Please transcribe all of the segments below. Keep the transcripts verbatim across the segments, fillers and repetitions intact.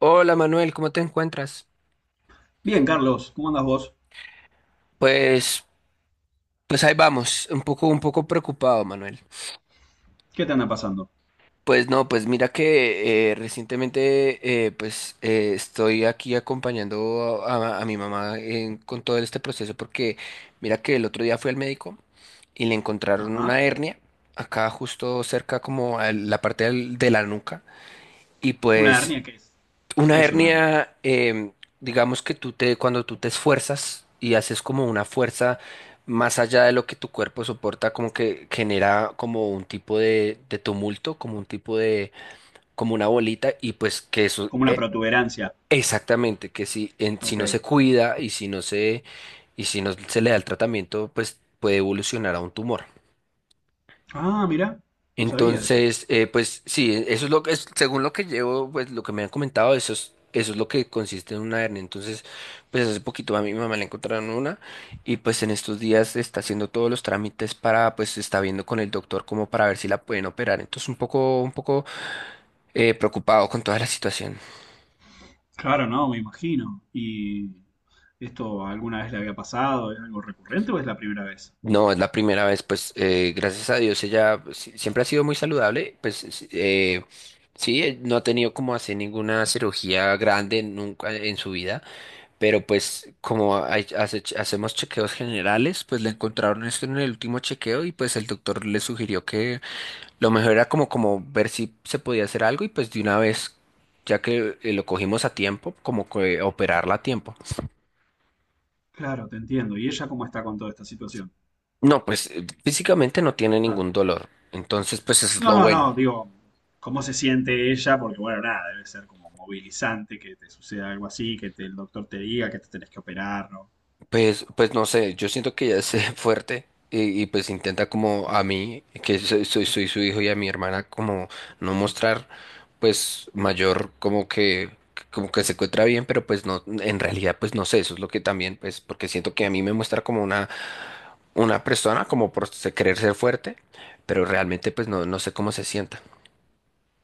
Hola Manuel, ¿cómo te encuentras? Bien, Carlos, ¿cómo andas vos? Pues, pues ahí vamos, un poco, un poco preocupado, Manuel. ¿Qué te anda pasando? Pues no, pues mira que eh, recientemente eh, pues eh, estoy aquí acompañando a, a- a mi mamá en- con todo este proceso porque mira que el otro día fui al médico y le encontraron Ajá. una hernia acá justo cerca como a la parte del- de la nuca y ¿Una pues. hernia qué es? ¿Qué Una es una hernia? hernia, em, digamos que tú te, cuando tú te esfuerzas y haces como una fuerza más allá de lo que tu cuerpo soporta, como que genera como un tipo de, de tumulto, como un tipo de, como una bolita, y pues que eso, Como una e- protuberancia. exactamente, que si, en- si Ok. no se cuida y si no se, y si no se le da el tratamiento, pues puede evolucionar a un tumor. Ah, mira, no sabía de eso. Entonces, eh, pues sí, eso es lo que es, según lo que llevo, pues lo que me han comentado, eso es, eso es lo que consiste en una hernia. Entonces, pues hace poquito a mi mamá le encontraron una y pues en estos días está haciendo todos los trámites para, pues está viendo con el doctor como para ver si la pueden operar. Entonces, un poco, un poco eh, preocupado con toda la situación. Claro, no, me imagino. ¿Y esto alguna vez le había pasado? ¿Es algo recurrente o es la primera vez? No, es la primera vez, pues eh, gracias a Dios ella pues, si- siempre ha sido muy saludable, pues sí, eh, sí, eh, no ha tenido como hacer ninguna cirugía grande nunca en su vida. Pero pues como hay- hace- hacemos chequeos generales, pues le encontraron esto en el último chequeo y pues el doctor le sugirió que lo mejor era como, como ver si se podía hacer algo y pues de una vez, ya que eh, lo cogimos a tiempo, como que operarla a tiempo. Claro, te entiendo. ¿Y ella cómo está con toda esta situación? No, pues eh, físicamente no tiene Ah. ningún dolor. Entonces, pues eso es No, lo no, bueno. no, digo, ¿cómo se siente ella? Porque bueno, nada, debe ser como movilizante que te suceda algo así, que te- el doctor te diga que te tenés que operar, ¿no? Pues, pues no sé, yo siento que ella es eh, fuerte y, y pues intenta como a mí, que soy, soy, soy su hijo y a mi hermana como no mostrar pues mayor como que como que se encuentra bien, pero pues no, en realidad pues no sé, eso es lo que también pues porque siento que a mí me muestra como una una persona como por se- querer ser fuerte, pero realmente pues no, no sé cómo se sienta.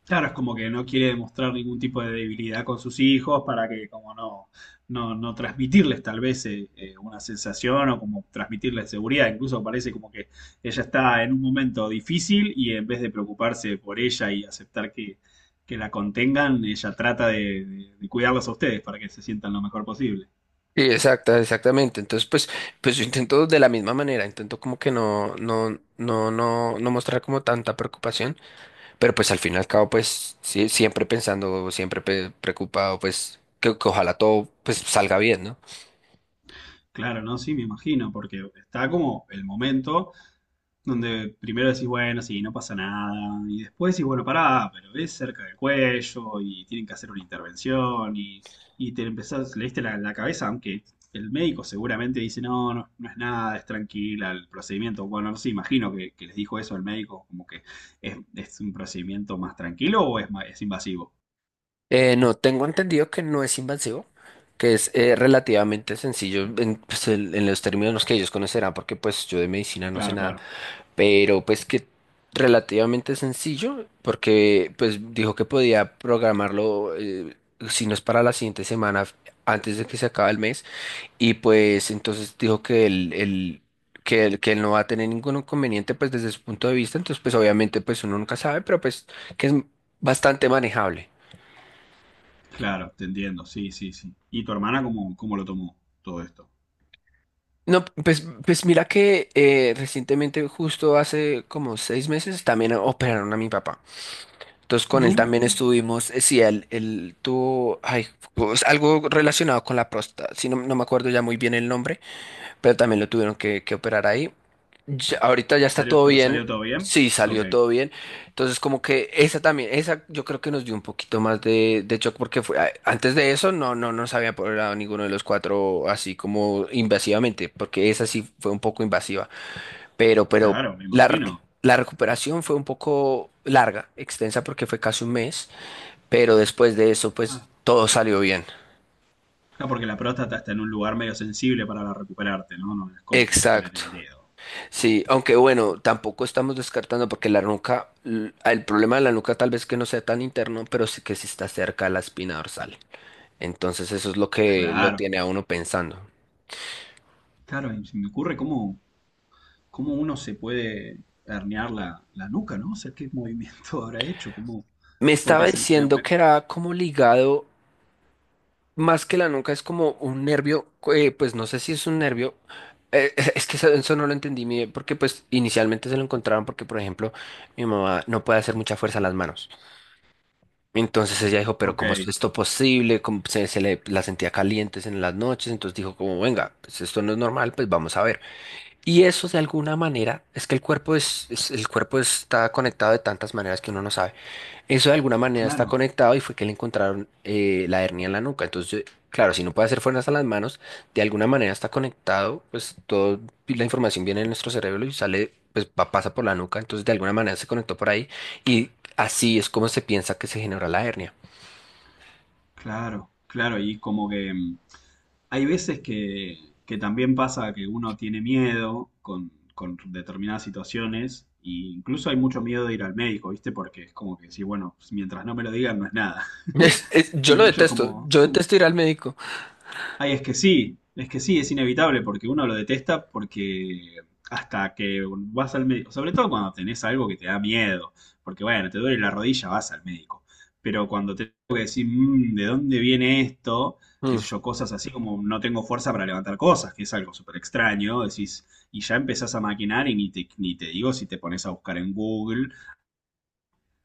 Claro, es como que no quiere demostrar ningún tipo de debilidad con sus hijos para que como no, no, no transmitirles tal vez eh, eh, una sensación o como transmitirles seguridad. Incluso parece como que ella está en un momento difícil y en vez de preocuparse por ella y aceptar que, que la contengan, ella trata de, de- de cuidarlos a ustedes para que se sientan lo mejor posible. Sí, exacta, exactamente. Entonces, pues, pues yo intento de la misma manera, intento como que no, no, no, no, no mostrar como tanta preocupación. Pero pues al fin y al cabo, pues sí, siempre pensando, siempre pe- preocupado, pues que, que ojalá todo pues salga bien, ¿no? Claro, no, sí, me imagino, porque está como el momento donde primero decís, bueno, sí, no pasa nada, y después decís, bueno, pará, pero es cerca del cuello y tienen que hacer una intervención y, y te empezás, le diste la, la cabeza, aunque el médico seguramente dice, no, no, no es nada, es tranquila el procedimiento. Bueno, no sé, imagino que, que les dijo eso el médico, como que es, es un procedimiento más tranquilo o es, ma- es invasivo. Eh, no, tengo entendido que no es invasivo, que es eh, relativamente sencillo en, pues, el- en los términos que ellos conocerán, porque pues yo de medicina no sé Claro, nada, claro, pero pues que relativamente sencillo, porque pues dijo que podía programarlo, eh, si no es para la siguiente semana, antes de que se acabe el mes. Y pues entonces dijo que él, él- que él, que él no va a tener ningún inconveniente pues desde su punto de vista, entonces pues obviamente pues uno nunca sabe, pero pues que es bastante manejable. claro, te entiendo, sí, sí, sí. ¿Y tu hermana cómo, cómo lo tomó todo esto? No, pues, pues mira que eh, recientemente, justo hace como seis meses, también operaron a mi papá. Entonces con No. él también estuvimos, eh, sí, él, él tuvo ay, pues, algo relacionado con la próstata, sí, no, no me acuerdo ya muy bien el nombre, pero también lo tuvieron que, que operar ahí. Ya- ahorita ya está ¿Salió, todo pero bien. salió todo bien? Sí, Ok, salió todo bien. Entonces, como que esa también, esa yo creo que nos dio un poquito más de, de shock porque fue, a- antes de eso no, no nos había apoderado ninguno de los cuatro así como invasivamente, porque esa sí fue un poco invasiva. Pero, pero claro, me la, r- imagino. la recuperación fue un poco larga, extensa porque fue casi un mes, pero después de eso, pues Claro. todo salió bien. Ah, porque la próstata está en un lugar medio sensible para recuperarte, ¿no? No es como que te operen Exacto. el dedo. Sí, aunque bueno, tampoco estamos descartando porque la nuca, l- el problema de la nuca tal vez que no sea tan interno, pero sí que sí está cerca de la espina dorsal. Entonces eso es lo que lo Claro, tiene a uno pensando. claro, y se me ocurre cómo, cómo uno se puede herniar la, la nuca, ¿no? O sea, qué movimiento habrá hecho, cómo. Me Porque estaba se me, diciendo me- que era como ligado, más que la nuca, es como un nervio, eh, pues no sé si es un nervio, eh, es que eso, eso no lo entendí bien, porque pues inicialmente se lo encontraron porque, por ejemplo, mi mamá no puede hacer mucha fuerza en las manos. Entonces ella dijo, pero Ok, ¿cómo es esto posible? ¿Cómo se, se le la sentía calientes en las noches? Entonces dijo, como venga, pues esto no es normal, pues vamos a ver. Y eso de alguna manera es que el cuerpo es, es- el cuerpo está conectado de tantas maneras que uno no sabe. Eso de alguna manera está claro, conectado y fue que le encontraron eh, la hernia en la nuca. Entonces, claro, si no puede hacer fuerzas a las manos, de alguna manera está conectado, pues toda la información viene de nuestro cerebro y sale, pues va- pasa por la nuca. Entonces, de alguna manera se conectó por ahí y así es como se piensa que se generó la hernia. claro, claro, y como que. mm, Hay veces que, que también pasa que uno tiene miedo con, con determinadas situaciones, e incluso hay mucho miedo de ir al médico, ¿viste? Porque es como que sí, bueno, mientras no me lo digan, no es nada. Es- es- yo Hay lo mucho detesto, como. yo detesto ir al médico. Ay, es que sí, es que sí, es inevitable porque uno lo detesta porque hasta que vas al médico, sobre todo cuando tenés algo que te da miedo, porque bueno, te duele la rodilla, vas al médico, pero cuando te tengo que decir, "Mm, ¿de dónde viene esto? Qué Mm, sé yo, cosas así como no tengo fuerza para levantar cosas, que es algo súper extraño, decís, y ya empezás a maquinar y ni te, ni te digo si te pones a buscar en Google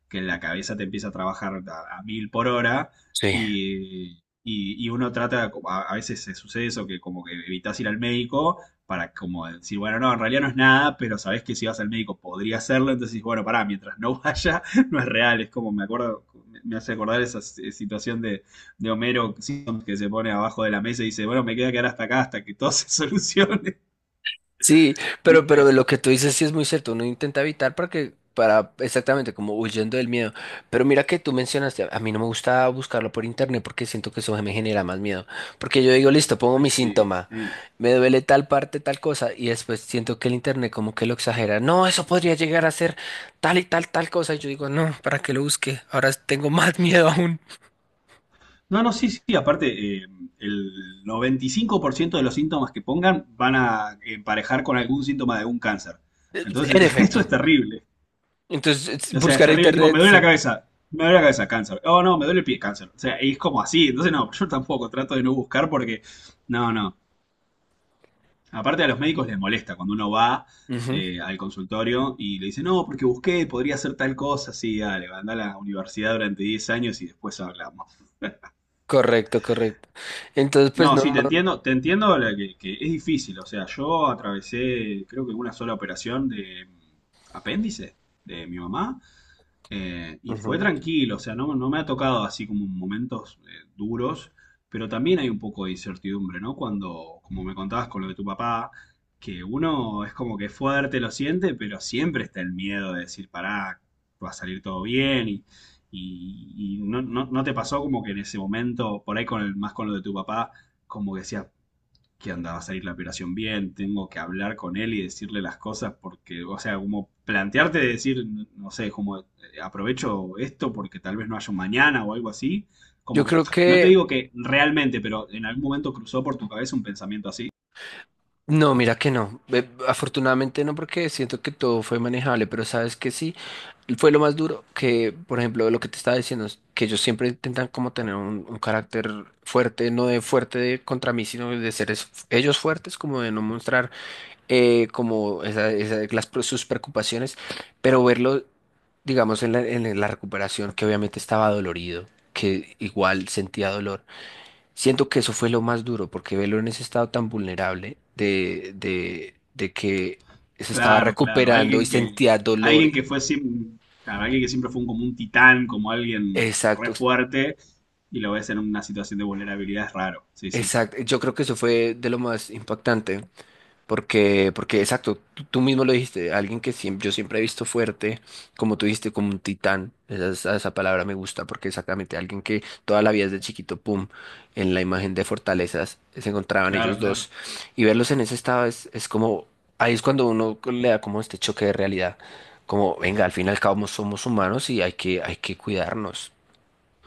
que la cabeza te empieza a trabajar a, a mil por hora sí. y, y, y uno trata, a, a veces se sucede eso, que como que evitas ir al médico para como decir, bueno, no, en realidad no es nada, pero sabes que si vas al médico podría hacerlo, entonces bueno, pará, mientras no vaya, no es real, es como me acuerdo, me me hace acordar esa s- situación de, de Homero Simpson que se pone abajo de la mesa y dice, bueno, me queda quedar hasta acá, hasta que todo se solucione, Sí, pero, pero ¿viste? lo que tú dices sí es muy cierto, uno intenta evitar para que, para, exactamente, como huyendo del miedo. Pero mira que tú mencionaste, a mí no me gusta buscarlo por internet porque siento que eso me genera más miedo. Porque yo digo, listo, pongo Ay, mi sí, síntoma, sí. me duele tal parte, tal cosa, y después siento que el internet como que lo exagera. No, eso podría llegar a ser tal y tal, tal cosa. Y yo digo, no, ¿para qué lo busque? Ahora tengo más miedo aún. No, no, sí, sí, aparte, eh, el noventa y cinco por ciento de los síntomas que pongan van a emparejar con algún síntoma de un cáncer. En Entonces, efecto. esto es terrible. Entonces, es- O sea, es buscar en terrible, tipo, me internet, duele la sí. cabeza, me duele la cabeza, cáncer. Oh, no, me duele el pie, cáncer. O sea, es como así. Entonces, no, yo tampoco trato de no buscar porque, no, no. Aparte a los médicos les molesta cuando uno va Ujú. eh, al consultorio y le dice, no, porque busqué, podría hacer tal cosa, sí, dale, anda a la universidad durante diez años y después hablamos. Correcto, correcto. Entonces, pues No, no. sí, te entiendo, te entiendo la que, que es difícil. O sea, yo atravesé, creo que una sola operación de mm, apéndice de mi mamá eh, y fue Ujú. tranquilo. O sea, no, no me ha tocado así como momentos eh, duros, pero también hay un poco de incertidumbre, ¿no? Cuando, como me contabas con lo de tu papá, que uno es como que es fuerte, lo siente, pero siempre está el miedo de decir, pará, va a salir todo bien. y. y- y no, no- no te pasó como que en ese momento, por ahí con el, más con lo de tu papá, como que decía que andaba a salir la operación bien, tengo que hablar con él y decirle las cosas porque, o sea, como plantearte de decir, no sé, como eh, aprovecho esto porque tal vez no haya un mañana o algo así, Yo como que, creo no te que. digo que realmente, pero en algún momento cruzó por tu cabeza un pensamiento así. No, mira que no. Eh, Afortunadamente no, porque siento que todo fue manejable, pero sabes que sí. Fue lo más duro que, por ejemplo, lo que te estaba diciendo, es que ellos siempre intentan como tener un, un carácter fuerte, no de fuerte de contra mí, sino de ser es- ellos fuertes, como de no mostrar eh, como esa- esa- las, pre- sus preocupaciones, pero verlo, digamos, en la, en la recuperación, que obviamente estaba dolorido, que igual sentía dolor. Siento que eso fue lo más duro, porque verlo en ese estado tan vulnerable de, de, de que se estaba Claro, claro, recuperando y alguien que, sentía dolor. alguien que fue siem- claro, alguien que siempre fue un- como un titán, como alguien Exacto, re fuerte, y lo ves en una situación de vulnerabilidad es raro, sí, sí, exacto. Yo creo que eso fue de lo más impactante. Porque, porque exacto, tú, tú mismo lo dijiste, alguien que siem- yo siempre he visto fuerte, como tú dijiste, como un titán, esa, esa, esa palabra me gusta, porque exactamente alguien que toda la vida desde chiquito, pum, en la imagen de fortalezas se encontraban claro, ellos claro. dos, y verlos en ese estado es, es como, ahí es cuando uno le da como este choque de realidad, como, venga, al fin y al cabo somos humanos y hay que, hay que cuidarnos.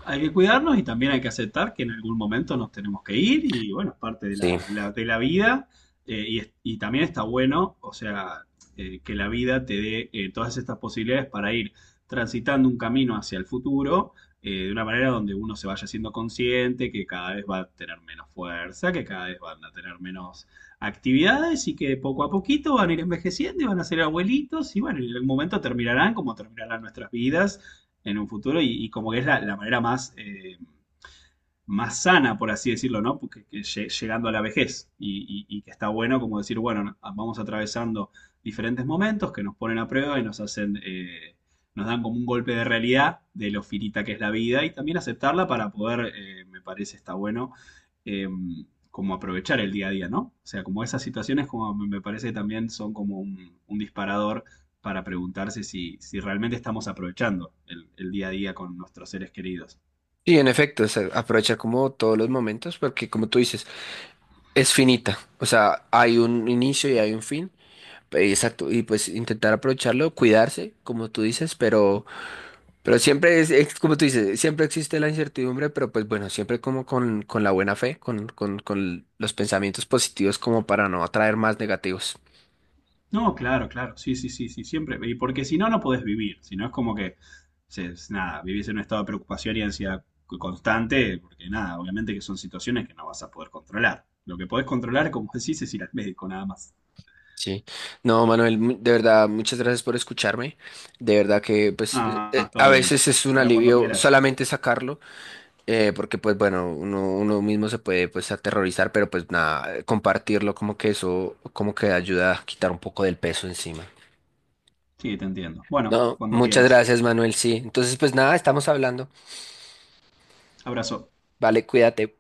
Hay que cuidarnos y también hay que aceptar que en algún momento nos tenemos que ir y bueno, es parte de Sí, la, la- de la vida. eh, y, es- y también está bueno, o sea, eh, que la vida te dé eh, todas estas posibilidades para ir transitando un camino hacia el futuro. Eh, de una manera donde uno se vaya siendo consciente que cada vez va a tener menos fuerza, que cada vez van a tener menos actividades y que poco a poquito van a ir envejeciendo y van a ser abuelitos y bueno, en algún momento terminarán como terminarán nuestras vidas en un futuro y, y como que es la, la manera más eh, más sana, por así decirlo, ¿no? Porque, que llegando a la vejez y, y- y que está bueno como decir, bueno, no, ah, vamos atravesando diferentes momentos que nos ponen a prueba y nos hacen, eh, nos dan como un golpe de realidad de lo finita que es la vida y también aceptarla para poder, eh, me parece, está bueno, eh, como aprovechar el día a día, ¿no? O sea, como esas situaciones como me me parece que también son como un, un disparador para preguntarse si, si realmente estamos aprovechando el, el día a día con nuestros seres queridos. sí, en efecto, o sea, aprovechar como todos los momentos, porque como tú dices, es finita, o sea, hay un inicio y hay un fin, eh, exacto, y pues intentar aprovecharlo, cuidarse, como tú dices, pero, pero siempre es, es como tú dices, siempre existe la incertidumbre, pero pues bueno, siempre como con, con la buena fe, con, con, con los pensamientos positivos como para no atraer más negativos. No, claro, claro, sí, sí, sí, sí, siempre. Y porque si no, no podés vivir. Si no, es como que, se- es nada, vivís en un estado de preocupación y ansiedad co- constante, porque nada, obviamente que son situaciones que no vas a poder controlar. Lo que podés controlar, como decís, es ir al médico, nada más. Sí, no, Manuel, mu- de verdad, muchas gracias por escucharme, de verdad que pues eh, eh, Ah, todo a bien. veces es un Para cuando alivio quieras. solamente sacarlo. Eh, porque pues bueno, uno, uno mismo se puede pues aterrorizar, pero pues nada, eh, compartirlo como que eso, como que ayuda a quitar un poco del peso encima. Sí, te entiendo. Bueno, No, cuando muchas quieras. gracias, Manuel, sí. Entonces pues nada, estamos hablando. Abrazo. Vale, cuídate.